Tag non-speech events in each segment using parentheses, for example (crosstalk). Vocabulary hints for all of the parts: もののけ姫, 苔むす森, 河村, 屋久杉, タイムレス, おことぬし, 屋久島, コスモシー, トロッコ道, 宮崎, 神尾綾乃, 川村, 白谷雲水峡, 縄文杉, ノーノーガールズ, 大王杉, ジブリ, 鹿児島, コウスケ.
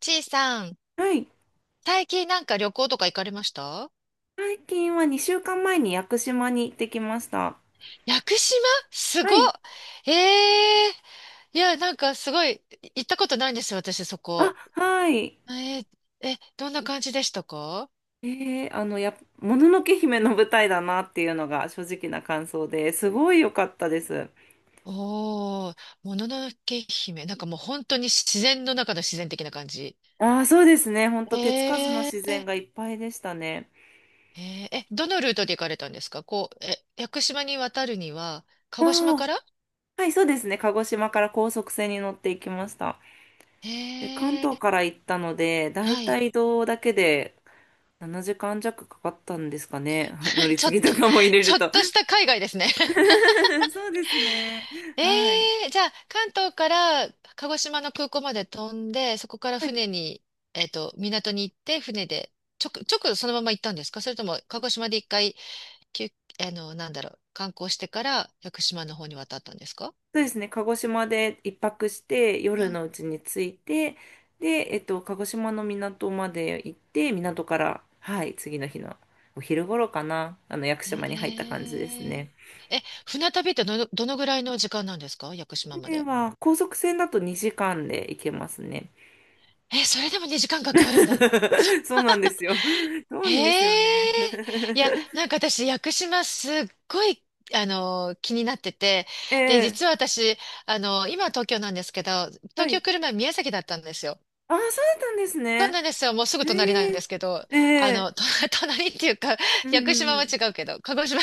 ちいさん、はい。最近なんか旅行とか行かれました？最近は2週間前に屋久島に行ってきました。屋久島。すごはっ。い。ええー、いや、なんかすごい、行ったことないんですよ、私そあ、こ。はい。えー。え、どんな感じでしたか？もののけ姫の舞台だなっていうのが正直な感想ですごい良かったです。おー、もののけ姫。なんかもう本当に自然の中の自然的な感じ。ああ、そうですね。ほんえと手つかずのー、自然えがいっぱいでしたね。ー。え、どのルートで行かれたんですか？こう、え、屋久島に渡るには、鹿児島あから？あ、はい、そうですね。鹿児島から高速船に乗っていきました。で、関え東ー、から行ったので、だいはたい。い移動だけで7時間弱かかったんですかね。(laughs) 乗 (laughs) りち継ょっと、ぎとかも入れちるょっと。とした海外ですね。(laughs) そうですね。えはい。え。じゃあ、関東から鹿児島の空港まで飛んで、そこからはい。船に、えっと、港に行って、船で、直そのまま行ったんですか？それとも、鹿児島で一回、休、あの、なんだろう、観光してから、屋久島の方に渡ったんですか？そうですね。鹿児島で一泊して、う夜ん。のうちに着いて、で、鹿児島の港まで行って、港から、はい、次の日のお昼頃かな、屋久え島に入った感じですえ。ね。え、船旅ってどのぐらいの時間なんですか、屋久島までで。は、高速船だと2時間で行けますね。え、それでもね、時間かかるんだ。(laughs) そうなんですよ。遠へいんですよね。え。いや、(laughs) なんか私、屋久島すっごい、あの、気になってて、えで、え、実は私、あの、今は東京なんですけど、は東京い。来る前宮崎だったんですよ。ああ、そうだったんですそうね。なんですよ。もうすぐえ隣なんでえ、すけど、えあえ、の、と、 (laughs) 隣っていうか、うん屋久うん島うはん。違うけど、鹿児島、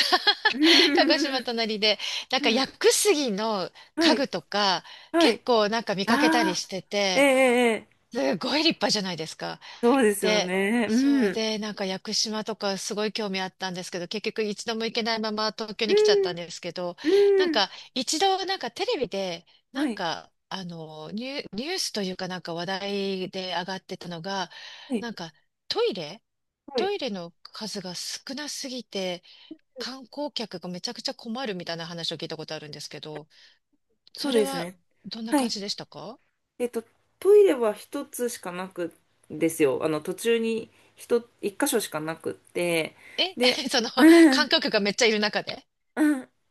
う (laughs) 鹿児島ん。隣で、なんかう屋ん、久杉のは家い。具とか、は結い。構なんか見かけたりあしあ、てええ、て、ええ、ええ、すごい立派じゃないですか。そうですよで、ね。そううん。で、なんか屋久島とかすごい興味あったんですけど、結局一度も行けないまま東京うに来ちゃったんん。ですけど、なんうん。か一度なんかテレビで、はなんい。かあのニュースというかなんか話題で上がってたのが、はい。なんかトイレ、はトい。イレの数が少なすぎて観光客がめちゃくちゃ困るみたいな話を聞いたことあるんですけど、そそうれですはね。どんなは感い。じでしたか？えっと、トイレは一つしかなくんですよ。途中に一箇所しかなくって。え。 で、(laughs) そのう観ん。光客がめっちゃいる中で。うん。う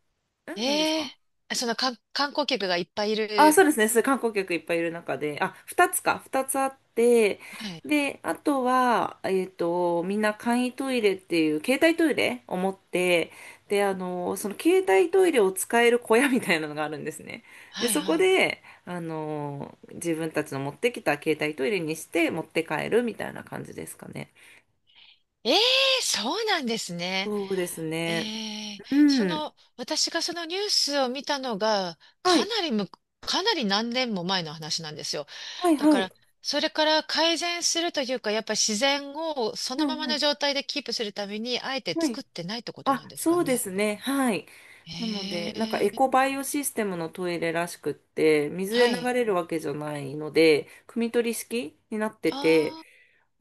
えん。何ですか？えー。その観光客がいっぱいいあ、る。そうですね。そう、観光客いっぱいいる中で、あ、二つか、二つあって、はい。で、あとは、みんな簡易トイレっていう、携帯トイレを持って、で、その携帯トイレを使える小屋みたいなのがあるんですね。で、はいそこはい。で、自分たちの持ってきた携帯トイレにして持って帰るみたいな感じですかね。ええー、そうなんですね。そうですえね。えー。そうん。の、私がそのニュースを見たのが、はかい、なりむ、かなり何年も前の話なんですよ。はい、だかはい。ら、それから改善するというか、やっぱ自然をそうのままん、うのん。状態でキープするために、あえては作い。ってないってことなんあ、ですかそうでね。すね。はい。なので、えなんかえエコー、バイオシステムのトイレらしくって、水では流い。れるわけじゃないので、汲み取り式になってて、ああ、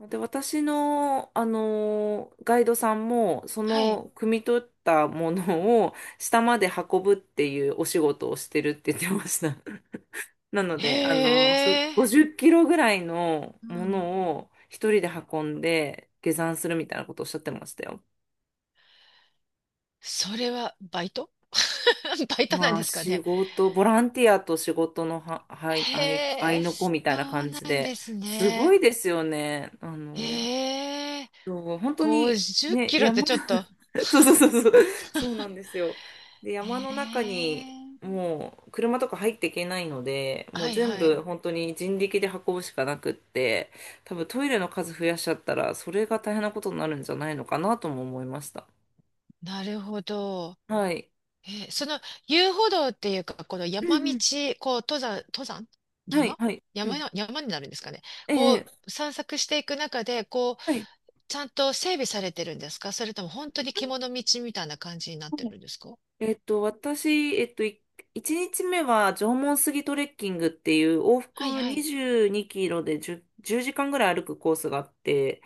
で、私の、ガイドさんも、そはい。の、汲み取ったものを下まで運ぶっていうお仕事をしてるって言ってました。(laughs) なので、あへのーそえ。50キロぐらいのうもん。のを一人で運んで下山するみたいなことをおっしゃってましたよ。それはバイト、 (laughs) バイトなんまあですか仕ね。事、ボランティアと仕事のは、はい、へ合いえ、の子みたいなそう感なじんでで、すすごね。いですよね。あの、ええ、そう本当に50キね、ロって山、ちょっと。(laughs) そうそうそうそう、そうなんですよ。で、へ山の中にえ、もう車とか入っていけないので、もはうい全は部い。本当に人力で運ぶしかなくって、多分トイレの数増やしちゃったら、それが大変なことになるんじゃないのかなとも思いました。なるほど。はい。えその遊歩道っていうか、このう山ん道、うん。こう登山、登山、はい、山、はい。う山ん。の、山になるんですかね。えこえ、えうえ、散策していく中で、こう、はい。ちゃんと整備されてるんですか？それとも本当に獣道みたいな感じになっはてい。るんですか？えっと、私、えっと、い1日目は縄文杉トレッキングっていう往はい復はい。22キロで10、時間ぐらい歩くコースがあって、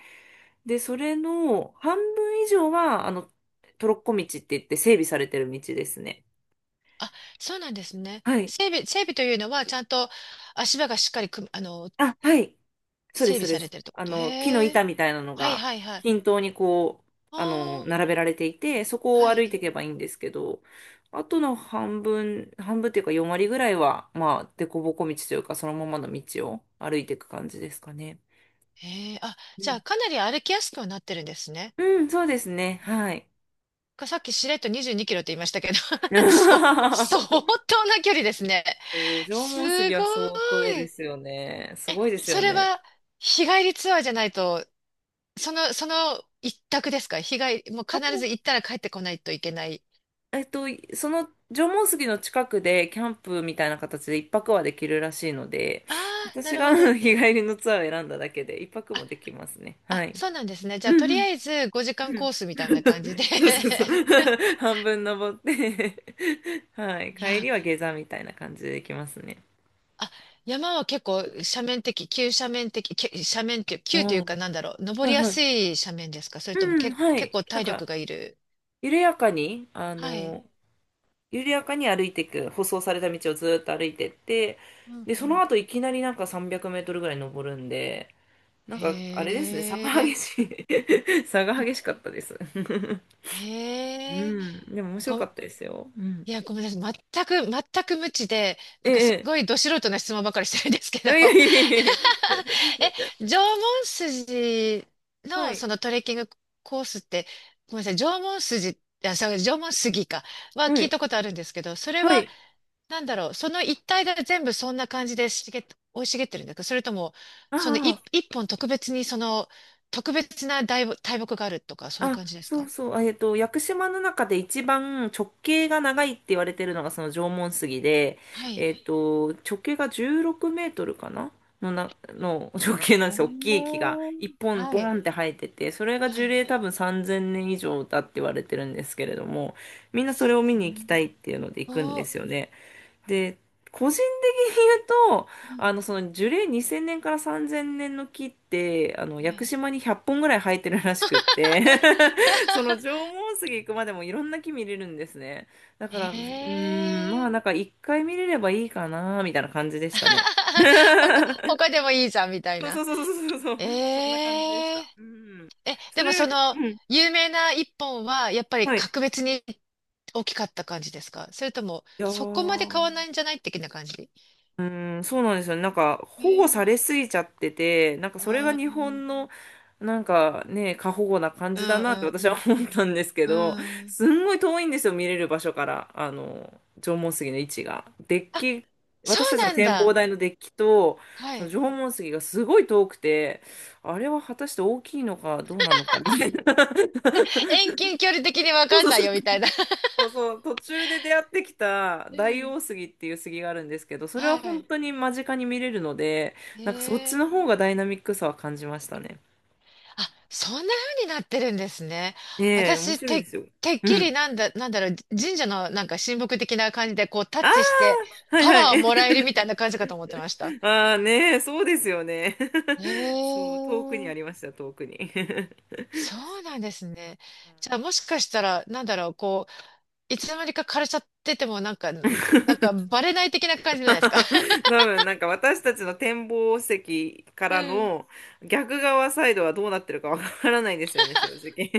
で、それの半分以上は、トロッコ道って言って整備されてる道ですね。あ、そうなんですね。はい。整備というのは、ちゃんと足場がしっかりく、あの、あ、はい。そうで整す、そ備うでされす。てるってこあと。の、木のへえ。板みたいなのはいがはいはい。均等にこう、ああ、並べられていて、そこをは歩いてい。いけばいいんですけど、あとの半分っていうか4割ぐらいは、まあ、凸凹道というか、そのままの道を歩いていく感じですかね。へえ。あ、うじゃん、あ、かなり歩きやすくはなってるんですね。うん、そうですね。はい。か、さっきしれっと22キロって言いましたけど、(laughs) そう、相 (laughs) 当な距離ですね。そう、縄文す杉ごは相当でい。すよね。すえ、ごいですそよれね。は、日帰りツアーじゃないと、その、その一択ですか？日帰り、もう必ず行ったら帰ってこないといけない。えっと、その縄文杉の近くでキャンプみたいな形で一泊はできるらしいので、ああ、な私るがあほど。の日帰りのツアーを選んだだけで一泊あ、もできますね。はあ、い。そうなんですね。じうゃあ、とんうりんあえず5時間うコん。ースみたいな感じで。 (laughs) そうそうそう。(laughs) (laughs) 半分登って (laughs) はい。い帰や、りは下山みたいな感じでできますね。あ、山は結構斜面的、急斜面的、け斜面、急う急とん。いはうかなんだろう、い登りやはい。すい斜面ですか？それともうん、け、は結い。構なん体力か、がいる。緩やかに、あはい。の、緩やかに歩いていく、舗装された道をずーっと歩いてって、うんで、うそのん。後いきなりなんか300メートルぐらい登るんで、なんかあれへですね、差がえ、激しい (laughs) 差が激しかったです (laughs) うへえ、ん、でも面白かご、ったですよ。うん。いや、ごめんなさい。全く、全く無知で、なえんかすえ、ごいど素人な質問ばかりしてるんですけえど。 え、いやいやいやいやい (laughs) え、縄文筋や、はのそい、のトレッキングコースって、ごめんなさい、縄文筋、あ、そう、縄文杉か、はは聞いい、たことあるんですけど、それはは、い。なんだろう、その一帯が全部そんな感じで茂っ、生い茂ってるんですか？それとも、そのああ、一、一本特別にその、特別な大木、大木があるとか、そういうあ、感じですそうか？そう。屋久島の中で一番直径が長いって言われてるのがその縄文杉で、はい。えっと、直径が16メートルかなの直へ径なんですよ。大きい木がー、一本はボい。ーンって生えてて、それがは樹い。齢多分3000年以上だって言われてるんですけれども、みんなそれを見うに行きたん。いっていうので行くんお、でうすよね。で、個人的に言うと、あの、そん。の樹齢2000年から3000年の木って、あの、屋は久い。島に100本ぐらい生えてるらしくって、(laughs) その縄文杉行くまでもいろんな木見れるんですね。だ (laughs) から、うーん、へまえ。あなんか一回見れればいいかな、みたいな感じでしたね。(laughs) 他、(laughs) 他でもいいじゃん、みたいそうそな。うそうそうそうそう、えそんな感じでしえた。うん。え、でそもれよそり、の、うん。有名な一本は、やっぱりはい。格別に大きかった感じですか？それとも、やそこまで買わなーいんじゃない的な感じ？うーん、そうなんですよね。なんか保護さえ、れすぎちゃってて、なんかそれがああ日ー、本のなんかね、過保護な感うじだなっんて私は思ったんですけうんうんうど、ん。うん。すんごい遠いんですよ、見れる場所から、あの、縄文杉の位置が。デッあ、キ、そ私うたちのなん展望だ。台のデッキと、はそのい。縄文杉がすごい遠くて、あれは果たして大きいのかどうなのかみたいな。(laughs) 遠近距離的にわそうかんなそいうよ、みたいな。(laughs) そうそう、途中で出会ってきたう大ん。王杉っていう杉があるんですけど、それはは本い。当に間近に見れるので、なんかそっちええ。の方がダイナミックさは感じましたね。あ、そんな風になってるんですね。ねえ、面私、白いでて、すよ。てっうきん。りなんだ、なんだろう、神社のなんか神木的な感じでこうタあッチしてあ、はいパはワーをい。もらえるみたい (laughs) な感じかと思ってました。ああねえ、そうですよね。(laughs) そう、え遠くにあえ、りました、遠くに。(laughs) そうなんですね。じゃあもしかしたら、なんだろう、こう、いつの間にか枯れちゃっててもなんか、なんかバレない的な感じじゃないですか。多分なんか私たちの展望席からうん。の (laughs) 逆側サイドはどうなってるかわからないですよね、正直。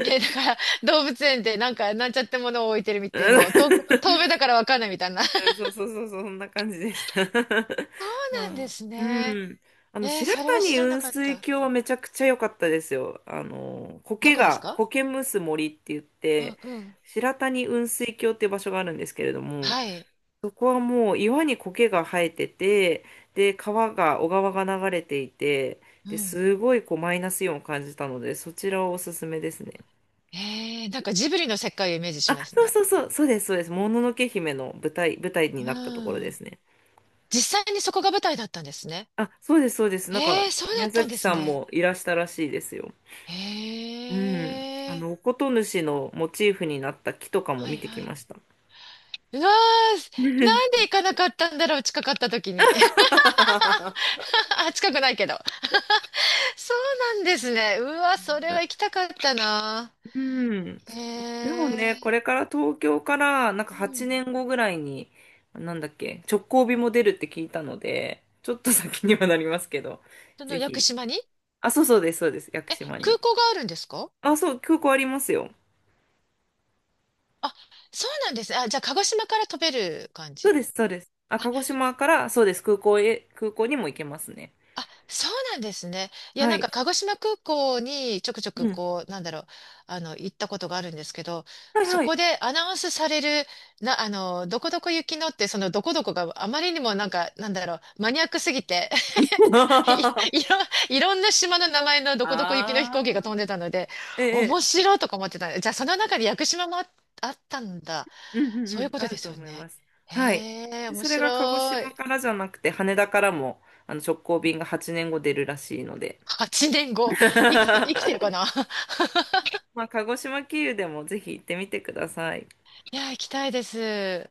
ね、だから動物園でなんかなんちゃってものを置いてるみ (laughs) うたいな、んもう遠、遠目だからわかんないみたいな。そうん、そうそうそうそう、そんな感じでした。(laughs) うまなんであ、すうね。ん。あの、えー、白それは谷知らな雲かっ水た。峡はめちゃくちゃ良かったですよ。あの、どこですか？苔むす森って言っうて、んうん。白谷雲水峡っていう場所があるんですけれども、はい。そこはもう岩に苔が生えてて、で、小川が流れていて、うで、ん。すごいこうマイナスイオンを感じたので、そちらをおすすめですね。えー、なんかジブリの世界をイメージしあ、ますそうね。そうそう、そうです、そうです。もののけ姫の舞台にうなったところでん。すね。実際にそこが舞台だったんですね。あ、そうです、そうです。なんか、えー、そうだ宮ったん崎ですさんね。もいらしたらしいですよ。へうん。あえ。の、おことぬしのモチーフになった木とかもはい見てきはまい。した。うわー、なんで行かなかったんだろう、近かった時に。(laughs) (laughs) あ、近くないけど。そうなんですね。うわ、それは行きたかったな。うん。へでもね、こえ。れから東京から、なんかう8ん。年後ぐらいに、なんだっけ、直行便も出るって聞いたので、ちょっと先にはなりますけど、そのぜ屋久ひ。島に。あ、そうそうです、そうです、屋久え、島空に。港があるんですか？あ、そう、空港ありますよ。あ、そうなんですね。あ、じゃあ、鹿児島から飛べる感そうじ？です、そうです。あ、あ、鹿児島から、そうです、空港にも行けますね。あ、そうなんですね。いや、はなんか、い。鹿児島空港にちょくちょうく、ん。こう、なんだろう、あの、行ったことがあるんですけど、はいそはい。こでアナウンスされる、な、あの、どこどこ行きのって、その、どこどこがあまりにもなんか、なんだろう、マニアックすぎて、(laughs) い、い (laughs) ろ、いろんな島の名前のどこどこ行きの飛あ行機が飛んあ、でたので、え面え、白いとか思ってた。じゃあ、その中で屋久島もあ、あったんだ。うんうんうそういうん、こあとでるとすよ思いね。ます。はい。へえ、で面それが鹿児白島い。からじゃなくて、羽田からもあの直行便が8年後出るらしいので、8年後、生き、生きてるか (laughs) な。 (laughs) まあ、鹿児島経由でもぜひ行ってみてください。いや、行きたいです。